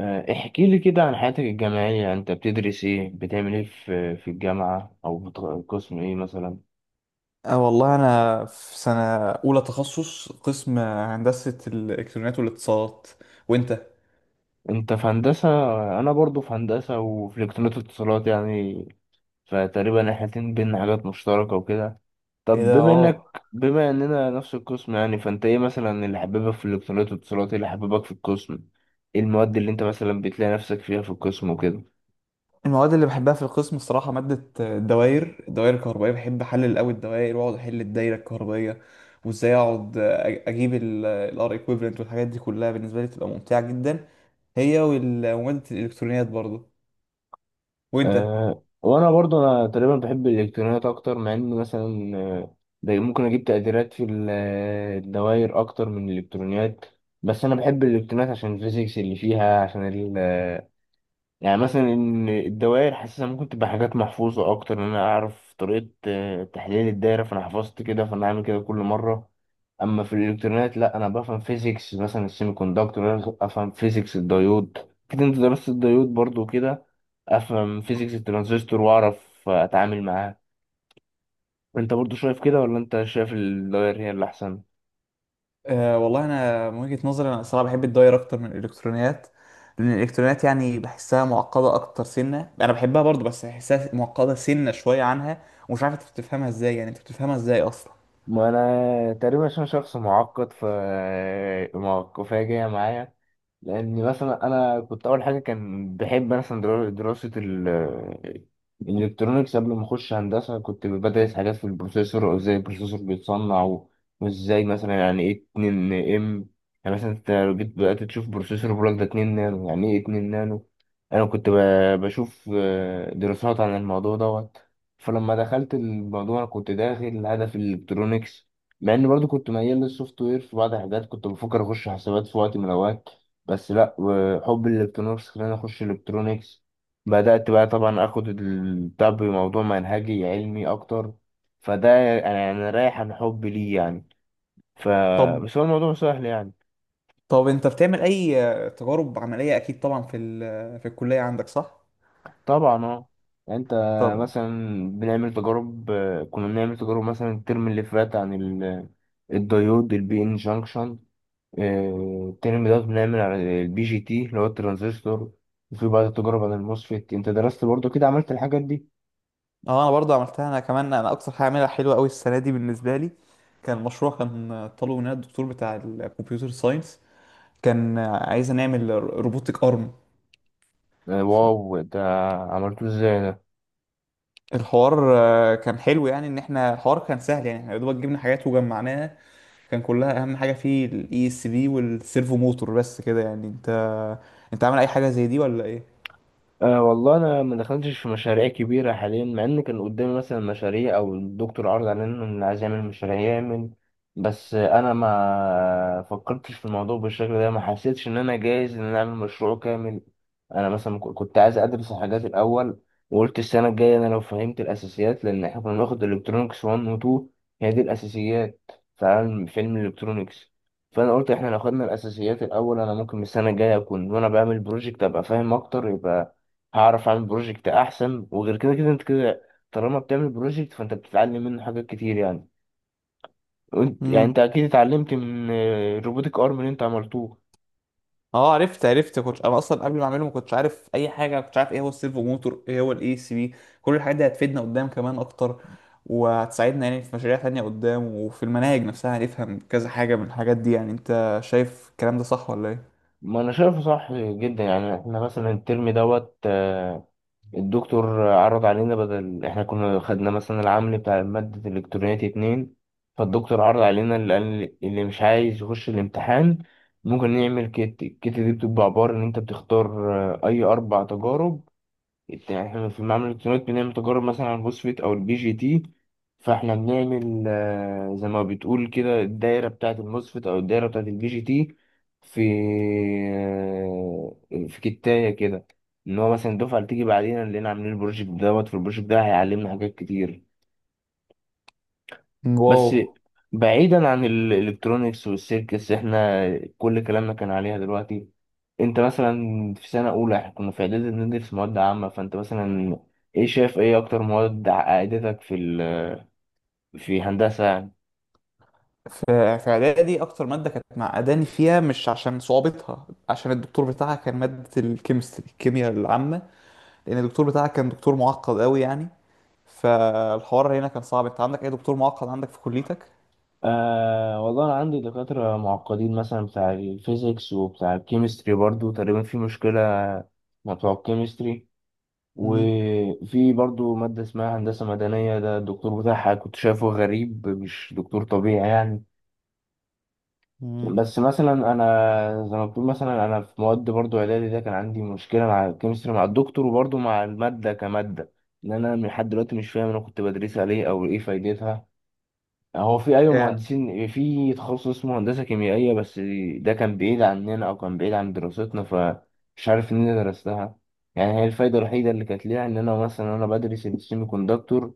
احكي لي كده عن حياتك الجامعية، انت بتدرس ايه، بتعمل ايه في الجامعة او قسم ايه مثلا؟ أه والله أنا في سنة أولى تخصص قسم هندسة الإلكترونيات والاتصالات. وأنت؟ انت في هندسة. انا برضو في هندسة وفي الكترونيات واتصالات يعني، فتقريبا احنا الاتنين بينا حاجات مشتركة وكده. إيه طب ده، اه. بما اننا نفس القسم يعني، فانت ايه مثلا اللي حبيبك في الالكترونيات والاتصالات، ايه اللي حبيبك في القسم، ايه المواد اللي انت مثلا بتلاقي نفسك فيها في القسم وكده؟ المواد اللي بحبها في القسم الصراحة مادة الدوائر الكهربائية. بحب أحلل أوي الدوائر وأقعد أحل الدايرة الكهربائية وإزاي أقعد أجيب ال R equivalent والحاجات دي كلها بالنسبة لي بتبقى ممتعة جدا، هي ومادة الإلكترونيات برضه. وأنت؟ أه، وانا برضو، انا تقريبا بحب الالكترونيات اكتر، مع ان مثلا ده ممكن اجيب تقديرات في الدوائر اكتر من الالكترونيات، بس انا بحب الالكترونيات عشان الفيزيكس اللي فيها، عشان يعني مثلا ان الدوائر حاسسها ممكن تبقى حاجات محفوظه اكتر، ان انا اعرف طريقه تحليل الدايره، فانا حفظت كده فانا هعمل كده كل مره. اما في الالكترونيات لا، انا بفهم فيزيكس مثلا السيمي كوندكتور، انا افهم فيزيكس الديود، كده انت درست الديود برضو كده، افهم فيزيكس الترانزستور واعرف اتعامل معاه. انت برضو شايف كده، ولا انت شايف الدوائر هي اللي احسن؟ أه والله انا من وجهة نظري انا الصراحه بحب الداير اكتر من الالكترونيات، لان الالكترونيات يعني بحسها معقده اكتر. سنه انا بحبها برضو بس بحسها معقده سنه شويه عنها. ومش عارف انت بتفهمها ازاي، يعني انت بتفهمها ازاي اصلا؟ ما انا تقريبا عشان شخص معقد، ف معقفة جاية معايا، لان مثلا انا كنت اول حاجه كان بحب مثلا دراسه الالكترونيكس. قبل ما اخش هندسه كنت بدرس حاجات في البروسيسور وازاي البروسيسور بيتصنع، وازاي مثلا يعني ايه 2 ام، يعني مثلا انت لو جيت بدات تشوف بروسيسور بيقول لك ده 2 نانو، يعني ايه 2 نانو؟ انا كنت بشوف دراسات عن الموضوع دوت. فلما دخلت الموضوع انا كنت داخل هدف الالكترونيكس، مع اني برضو كنت ميال للسوفت وير في بعض الحاجات، كنت بفكر اخش حسابات في وقت من الاوقات، بس لا، وحب الالكترونكس خلاني اخش الكترونكس. بدأت بقى طبعا اخد البتاع بموضوع منهجي علمي اكتر، فده، انا انا رايح عن حب ليه يعني، ف طب بس هو الموضوع سهل يعني. طب انت بتعمل اي تجارب عمليه؟ اكيد طبعا في الكليه عندك، صح؟ طبعا اه. انت طب. مثلا، بنعمل تجارب، كنا بنعمل تجارب مثلا الترم اللي فات عن الديود البي ان جانكشن، الترم ده بنعمل عن البي جي تي اللي هو الترانزستور، وفي بعض التجارب عن الموسفيت. انت درست برضو كده، عملت الحاجات دي؟ اه، انا برضو عملتها. انا كمان انا اكتر حاجه عاملها حلوه قوي السنه دي بالنسبه لي كان مشروع. كان طالبه مننا الدكتور بتاع الكمبيوتر ساينس، كان عايزه نعمل روبوتك ارم. واو، ده عملته ازاي؟ الحوار كان حلو، يعني ان احنا الحوار كان سهل يعني احنا يا دوبك جبنا حاجات وجمعناها. كان كلها اهم حاجه فيه الاي اس بي والسيرفو موتور بس كده. يعني انت عامل اي حاجه زي دي ولا ايه؟ أه والله، انا ما دخلتش في مشاريع كبيره حاليا، مع ان كان قدامي مثلا مشاريع، او الدكتور عرض علينا ان عايز يعمل مشاريع يعمل، بس انا ما فكرتش في الموضوع بالشكل ده، ما حسيتش ان انا جاهز ان انا اعمل مشروع كامل. انا مثلا كنت عايز ادرس الحاجات الاول، وقلت السنه الجايه انا لو فهمت الاساسيات، لان احنا كنا بناخد الكترونكس 1 و 2، هي دي الاساسيات في علم في علم الالكترونكس، فانا قلت احنا لو خدنا الاساسيات الاول، انا ممكن السنه الجايه اكون وانا بعمل بروجكت ابقى فاهم اكتر، يبقى هعرف اعمل بروجكت احسن. وغير كده كده انت كده، طالما بتعمل بروجكت فانت بتتعلم منه حاجات كتير يعني. وانت يعني امم انت اكيد اتعلمت من الروبوتك ارم اللي انت عملتوه. اه، عرفت عرفت. كنت انا اصلا قبل ما اعمله ما كنتش عارف اي حاجه، ما كنتش عارف ايه هو السيرفو موتور، ايه هو الاي سي بي. كل الحاجات دي هتفيدنا قدام كمان اكتر وهتساعدنا يعني في مشاريع تانية قدام، وفي المناهج نفسها هنفهم كذا حاجه من الحاجات دي. يعني انت شايف الكلام ده صح ولا ايه؟ ما انا شايفه صح جدا يعني. احنا مثلا الترم دوت الدكتور عرض علينا، بدل احنا كنا خدنا مثلا العمل بتاع مادة الالكترونيات اتنين، فالدكتور عرض علينا، اللي قال اللي مش عايز يخش الامتحان ممكن نعمل كيت. الكيت دي بتبقى عبارة ان انت بتختار اي اربع تجارب. يعني احنا في معمل الالكترونيات بنعمل تجارب مثلا على الفوسفيت او البي جي تي، فاحنا بنعمل زي ما بتقول كده الدايره بتاعه الموسفيت او الدايره بتاعه البي جي تي. في آه، في كتايه كده، ان هو مثلا الدفعه اللي تيجي بعدين لقينا عاملين البروجكت دوت، في البروجكت ده هيعلمنا حاجات كتير. واو. بس، بعيدا عن الالكترونيكس والسيركس، احنا كل كلامنا كان عليها دلوقتي. انت مثلا في سنة اولى، احنا كنا في اعدادي بندرس مواد عامة، فانت مثلا ايه شايف، ايه اكتر مواد عقدتك في ال... في هندسة يعني؟ في في اعدادي اكتر ماده كانت معقداني فيها مش عشان صعوبتها عشان الدكتور بتاعها، كان ماده الكيمستري الكيمياء العامه. لان الدكتور بتاعها كان دكتور معقد قوي يعني. فالحوار هنا كان صعب. انت عندك اي دكتور معقد عندك في كليتك؟ آه والله، انا عندي دكاترة معقدين مثلا بتاع الفيزيكس وبتاع الكيمستري، برضو تقريبا في مشكلة مع بتوع الكيمستري. مم. وفي برضو مادة اسمها هندسة مدنية، ده الدكتور بتاعها كنت شايفه غريب، مش دكتور طبيعي يعني. مم. بس مثلا انا زي ما بتقول، مثلا انا في مواد برضو اعدادي ده كان عندي مشكله مع الكيمستري، مع الدكتور وبرضو مع الماده كماده. ان انا من لحد دلوقتي مش فاهم انا كنت بدرسها ليه او ايه فايدتها. هو في ايوه yeah. مهندسين في تخصص اسمه هندسه كيميائيه، بس ده كان بعيد عننا او كان بعيد عن دراستنا، فمش عارف ان انا درستها. يعني هي الفايده الوحيده اللي كانت ليها ان انا مثلا انا بدرس السيمي كوندكتور،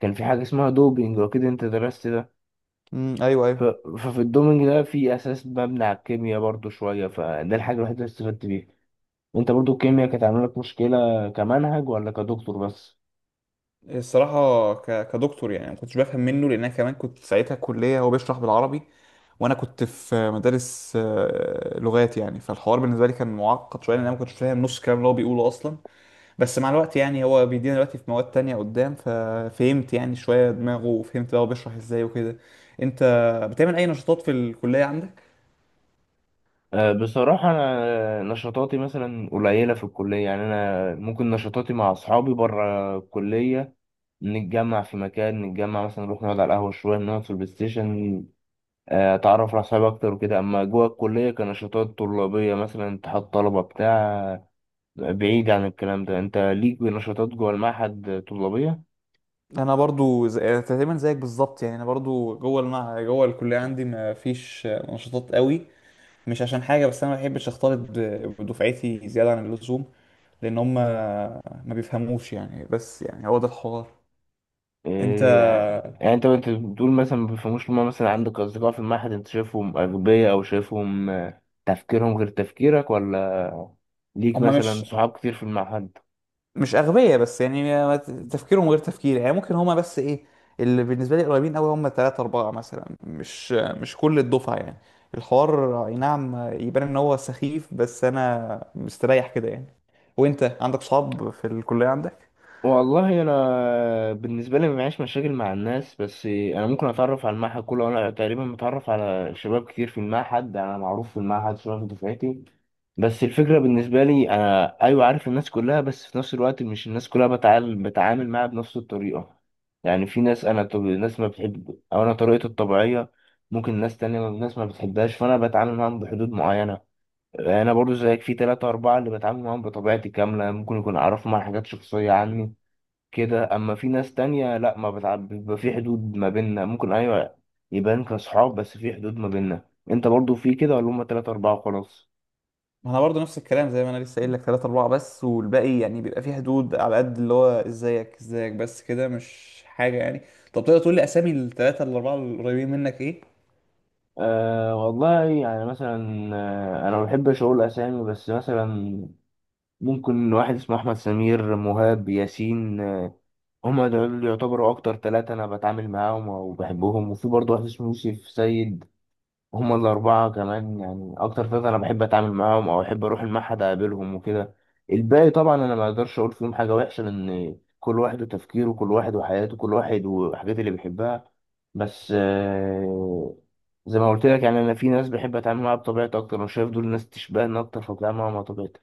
كان في حاجه اسمها دوبينج، واكيد انت درست ده. ايوه، ف- ايوه. ففي الدومينج ده في اساس مبني على الكيمياء برضو شويه، فده الحاجه الوحيده اللي استفدت بيها. انت برضو الكيمياء كانت عامله لك مشكله كمنهج ولا كدكتور بس؟ الصراحه كدكتور يعني ما كنتش بفهم منه، لان انا كمان كنت ساعتها كليه هو بيشرح بالعربي. وانا كنت في مدارس لغات يعني، فالحوار بالنسبه لي كان معقد شويه لان انا ما كنتش فاهم نص الكلام اللي هو بيقوله اصلا. بس مع الوقت يعني هو بيدينا دلوقتي في مواد تانية قدام، ففهمت يعني شوية دماغه وفهمت بقى هو بيشرح ازاي وكده. انت بتعمل اي نشاطات في الكلية عندك؟ أه بصراحه، انا نشاطاتي مثلا قليله في الكليه يعني، انا ممكن نشاطاتي مع اصحابي بره الكليه، نتجمع في مكان، نتجمع مثلا نروح نقعد على القهوه شويه، نقعد في البلاي ستيشن، اتعرف على اصحابي اكتر وكده. اما جوه الكليه كنشاطات طلابيه مثلا اتحاد طلبه بتاع، بعيد عن الكلام ده، انت ليك نشاطات جوه المعهد طلابية؟ انا برضو تقريبا زيك بالظبط. يعني انا برضو جوه جوه الكلية عندي ما فيش نشاطات قوي. مش عشان حاجة، بس أنا ما بحبش أختلط بدفعتي زيادة عن اللزوم. لأن هم ما بيفهموش يعني، بس يعني هو ده الحوار. أنت. إيه يعني انت، انت بتقول مثلا ما بيفهموش، لما مثلا عندك اصدقاء في المعهد انت شايفهم اغبياء، او شايفهم تفكيرهم غير تفكيرك، ولا ليك هم مثلا مش صحاب كتير في المعهد؟ مش أغبياء بس يعني تفكيرهم غير تفكيري. يعني ممكن هما بس إيه اللي بالنسبة لي قريبين أوي هما تلاتة أربعة مثلا، مش كل الدفعة يعني. الحوار أي نعم يبان إن هو سخيف بس أنا مستريح كده يعني. وأنت عندك صحاب في الكلية عندك؟ والله انا بالنسبه لي ما معيش مشاكل مع الناس، بس انا ممكن اتعرف على المعهد كله. انا تقريبا متعرف على شباب كتير في المعهد، انا معروف في المعهد شباب في دفعتي. بس الفكرة بالنسبة لي، أنا أيوة عارف الناس كلها، بس في نفس الوقت مش الناس كلها بتعامل معاها بنفس الطريقة. يعني في ناس أنا طب... ناس ما بتحب أو أنا طريقتي الطبيعية ممكن ناس تانية ناس ما بتحبهاش، فأنا بتعامل معاهم بحدود معينة. يعني أنا برضو زيك، في تلاتة أربعة اللي بتعامل معاهم بطبيعتي كاملة، ممكن يكون أعرفهم عن حاجات شخصية عني كده، أما في ناس تانية لأ، ما بتعب، بيبقى في حدود ما بيننا، ممكن أيوة يبان كأصحاب بس في حدود ما بيننا. أنت برضو في كده، ولا هما تلاتة أربعة وخلاص؟ ما أنا برضه نفس الكلام زي ما أنا لسه قايل لك، تلاتة أربعة بس، والباقي يعني بيبقى فيه حدود على قد اللي هو إزيك إزيك بس كده، مش حاجة يعني. طب تقدر تقول لي أسامي التلاتة الأربعة القريبين منك إيه؟ أه والله يعني مثلا، انا ما بحبش اقول اسامي، بس مثلا ممكن واحد اسمه احمد، سمير، مهاب، ياسين، هما دول يعتبروا اكتر ثلاثة انا بتعامل معاهم وبحبهم، وفي برضه واحد اسمه يوسف سيد. هما الأربعة كمان يعني، أكتر ثلاثة أنا بحب أتعامل معاهم أو أحب أروح المعهد أقابلهم وكده. الباقي طبعا أنا ما أقدرش أقول فيهم حاجة وحشة، لأن كل واحد وتفكيره، كل واحد وحياته، كل واحد والحاجات اللي بيحبها. بس زي ما قلت لك يعني، أنا في ناس بحب أتعامل معاها بطبيعتي أكتر، أنا شايف دول ناس تشبهني أكتر فبتعامل معاهم على طبيعتي.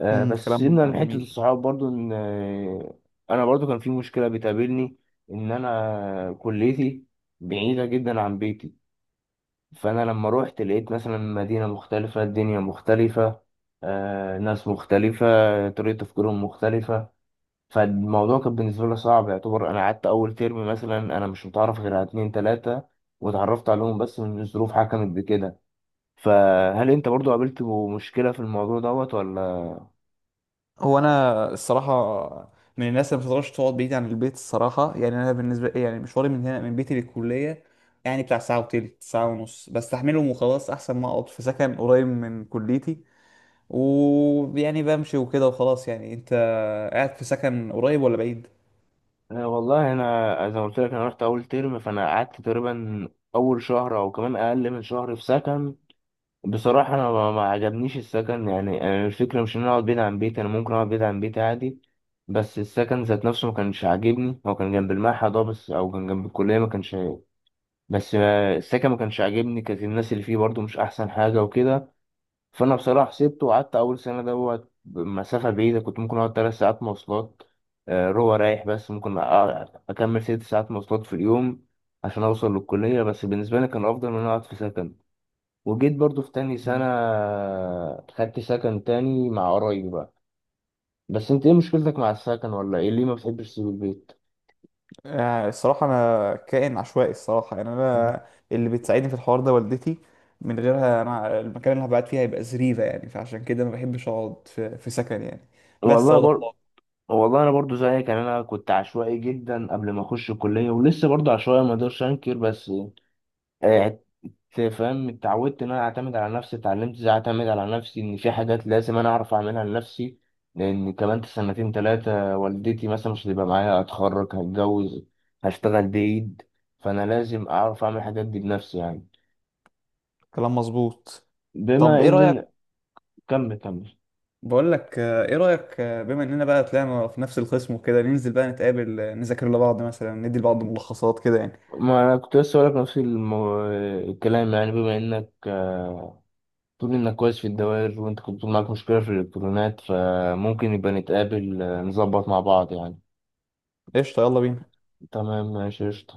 بس كلام سيبنا من حتة جميل. الصحاب. برضو إن أنا برضو كان في مشكلة بتقابلني، إن أنا كليتي بعيدة جدا عن بيتي، فأنا لما روحت لقيت مثلا مدينة مختلفة، الدنيا مختلفة، ناس مختلفة، طريقة تفكيرهم مختلفة، فالموضوع كان بالنسبة لي صعب. يعتبر أنا قعدت أول ترم مثلا أنا مش متعرف غير على اتنين تلاتة، واتعرفت عليهم بس من الظروف حكمت بكده. فهل أنت برضو قابلت مشكلة في الموضوع دوت ولا؟ هو انا الصراحه من الناس اللي ما بتقدرش تقعد بعيد عن البيت الصراحه. يعني انا بالنسبه لي يعني مشواري من هنا من بيتي للكليه يعني بتاع ساعه وتلت ساعه ونص بستحملهم وخلاص، احسن ما اقعد في سكن قريب من كليتي ويعني بمشي وكده وخلاص يعني. انت قاعد في سكن قريب ولا بعيد؟ والله أنا زي ما قلت لك، أنا رحت أول ترم، فأنا قعدت تقريبا أول شهر أو كمان أقل من شهر في سكن. بصراحة أنا ما عجبنيش السكن يعني. أنا الفكرة مش إن أنا أقعد بعيد عن بيتي، أنا ممكن أقعد بعيد عن بيتي عادي، بس السكن ذات نفسه ما كانش عاجبني. هو كان جنب المعهد أه، بس أو كان جنب الكلية، ما كانش عاجبني. بس السكن ما كانش عاجبني، كانت الناس اللي فيه برضو مش أحسن حاجة وكده. فأنا بصراحة سبته، وقعدت أول سنة دوت مسافة بعيدة، كنت ممكن أقعد تلات ساعات مواصلات روح رايح، بس ممكن أكمل ست ساعات مواصلات في اليوم عشان أوصل للكلية، بس بالنسبة لي كان أفضل من إن أنا أقعد في سكن. وجيت برضو في تاني سنة مم. خدت سكن تاني مع قرايبي بقى. بس انت ايه مشكلتك مع السكن، ولا ايه ليه ما بتحبش تسيب البيت؟ الصراحة أنا كائن عشوائي الصراحة. يعني أنا اللي بتساعدني في الحوار ده والدتي، من غيرها أنا المكان اللي هبقى قاعد فيه هيبقى زريبة يعني. فعشان كده ما بحبش أقعد في سكن يعني. بس والله هو ده. بر... والله انا برضو زيك يعني، انا كنت عشوائي جدا قبل ما اخش الكليه، ولسه برضو عشوائي، ما اقدرش انكر، بس آه، فاهم اتعودت ان انا اعتمد على نفسي، اتعلمت ازاي اعتمد على نفسي، ان في حاجات لازم انا اعرف اعملها لنفسي. لان كمان سنتين ثلاثه والدتي مثلا مش هتبقى معايا، اتخرج، هتجوز، هشتغل بعيد، فانا لازم اعرف اعمل الحاجات دي بنفسي يعني. كلام مظبوط. طب بما ايه رأيك. ان، كمل كمل. بقول لك ايه رأيك، بما اننا بقى طلعنا في نفس القسم وكده ننزل بقى نتقابل، نذاكر لبعض مثلا ندي لبعض ملخصات كده يعني؟ ما انا كنت لسه هقولك نفس المو... الكلام يعني، بما انك تقول انك كويس في الدوائر، وانت كنت بتقول معاك مشكله في الالكترونات، فممكن يبقى نتقابل نظبط مع بعض يعني. قشطة، يلا بينا. تمام، ماشي، قشطة.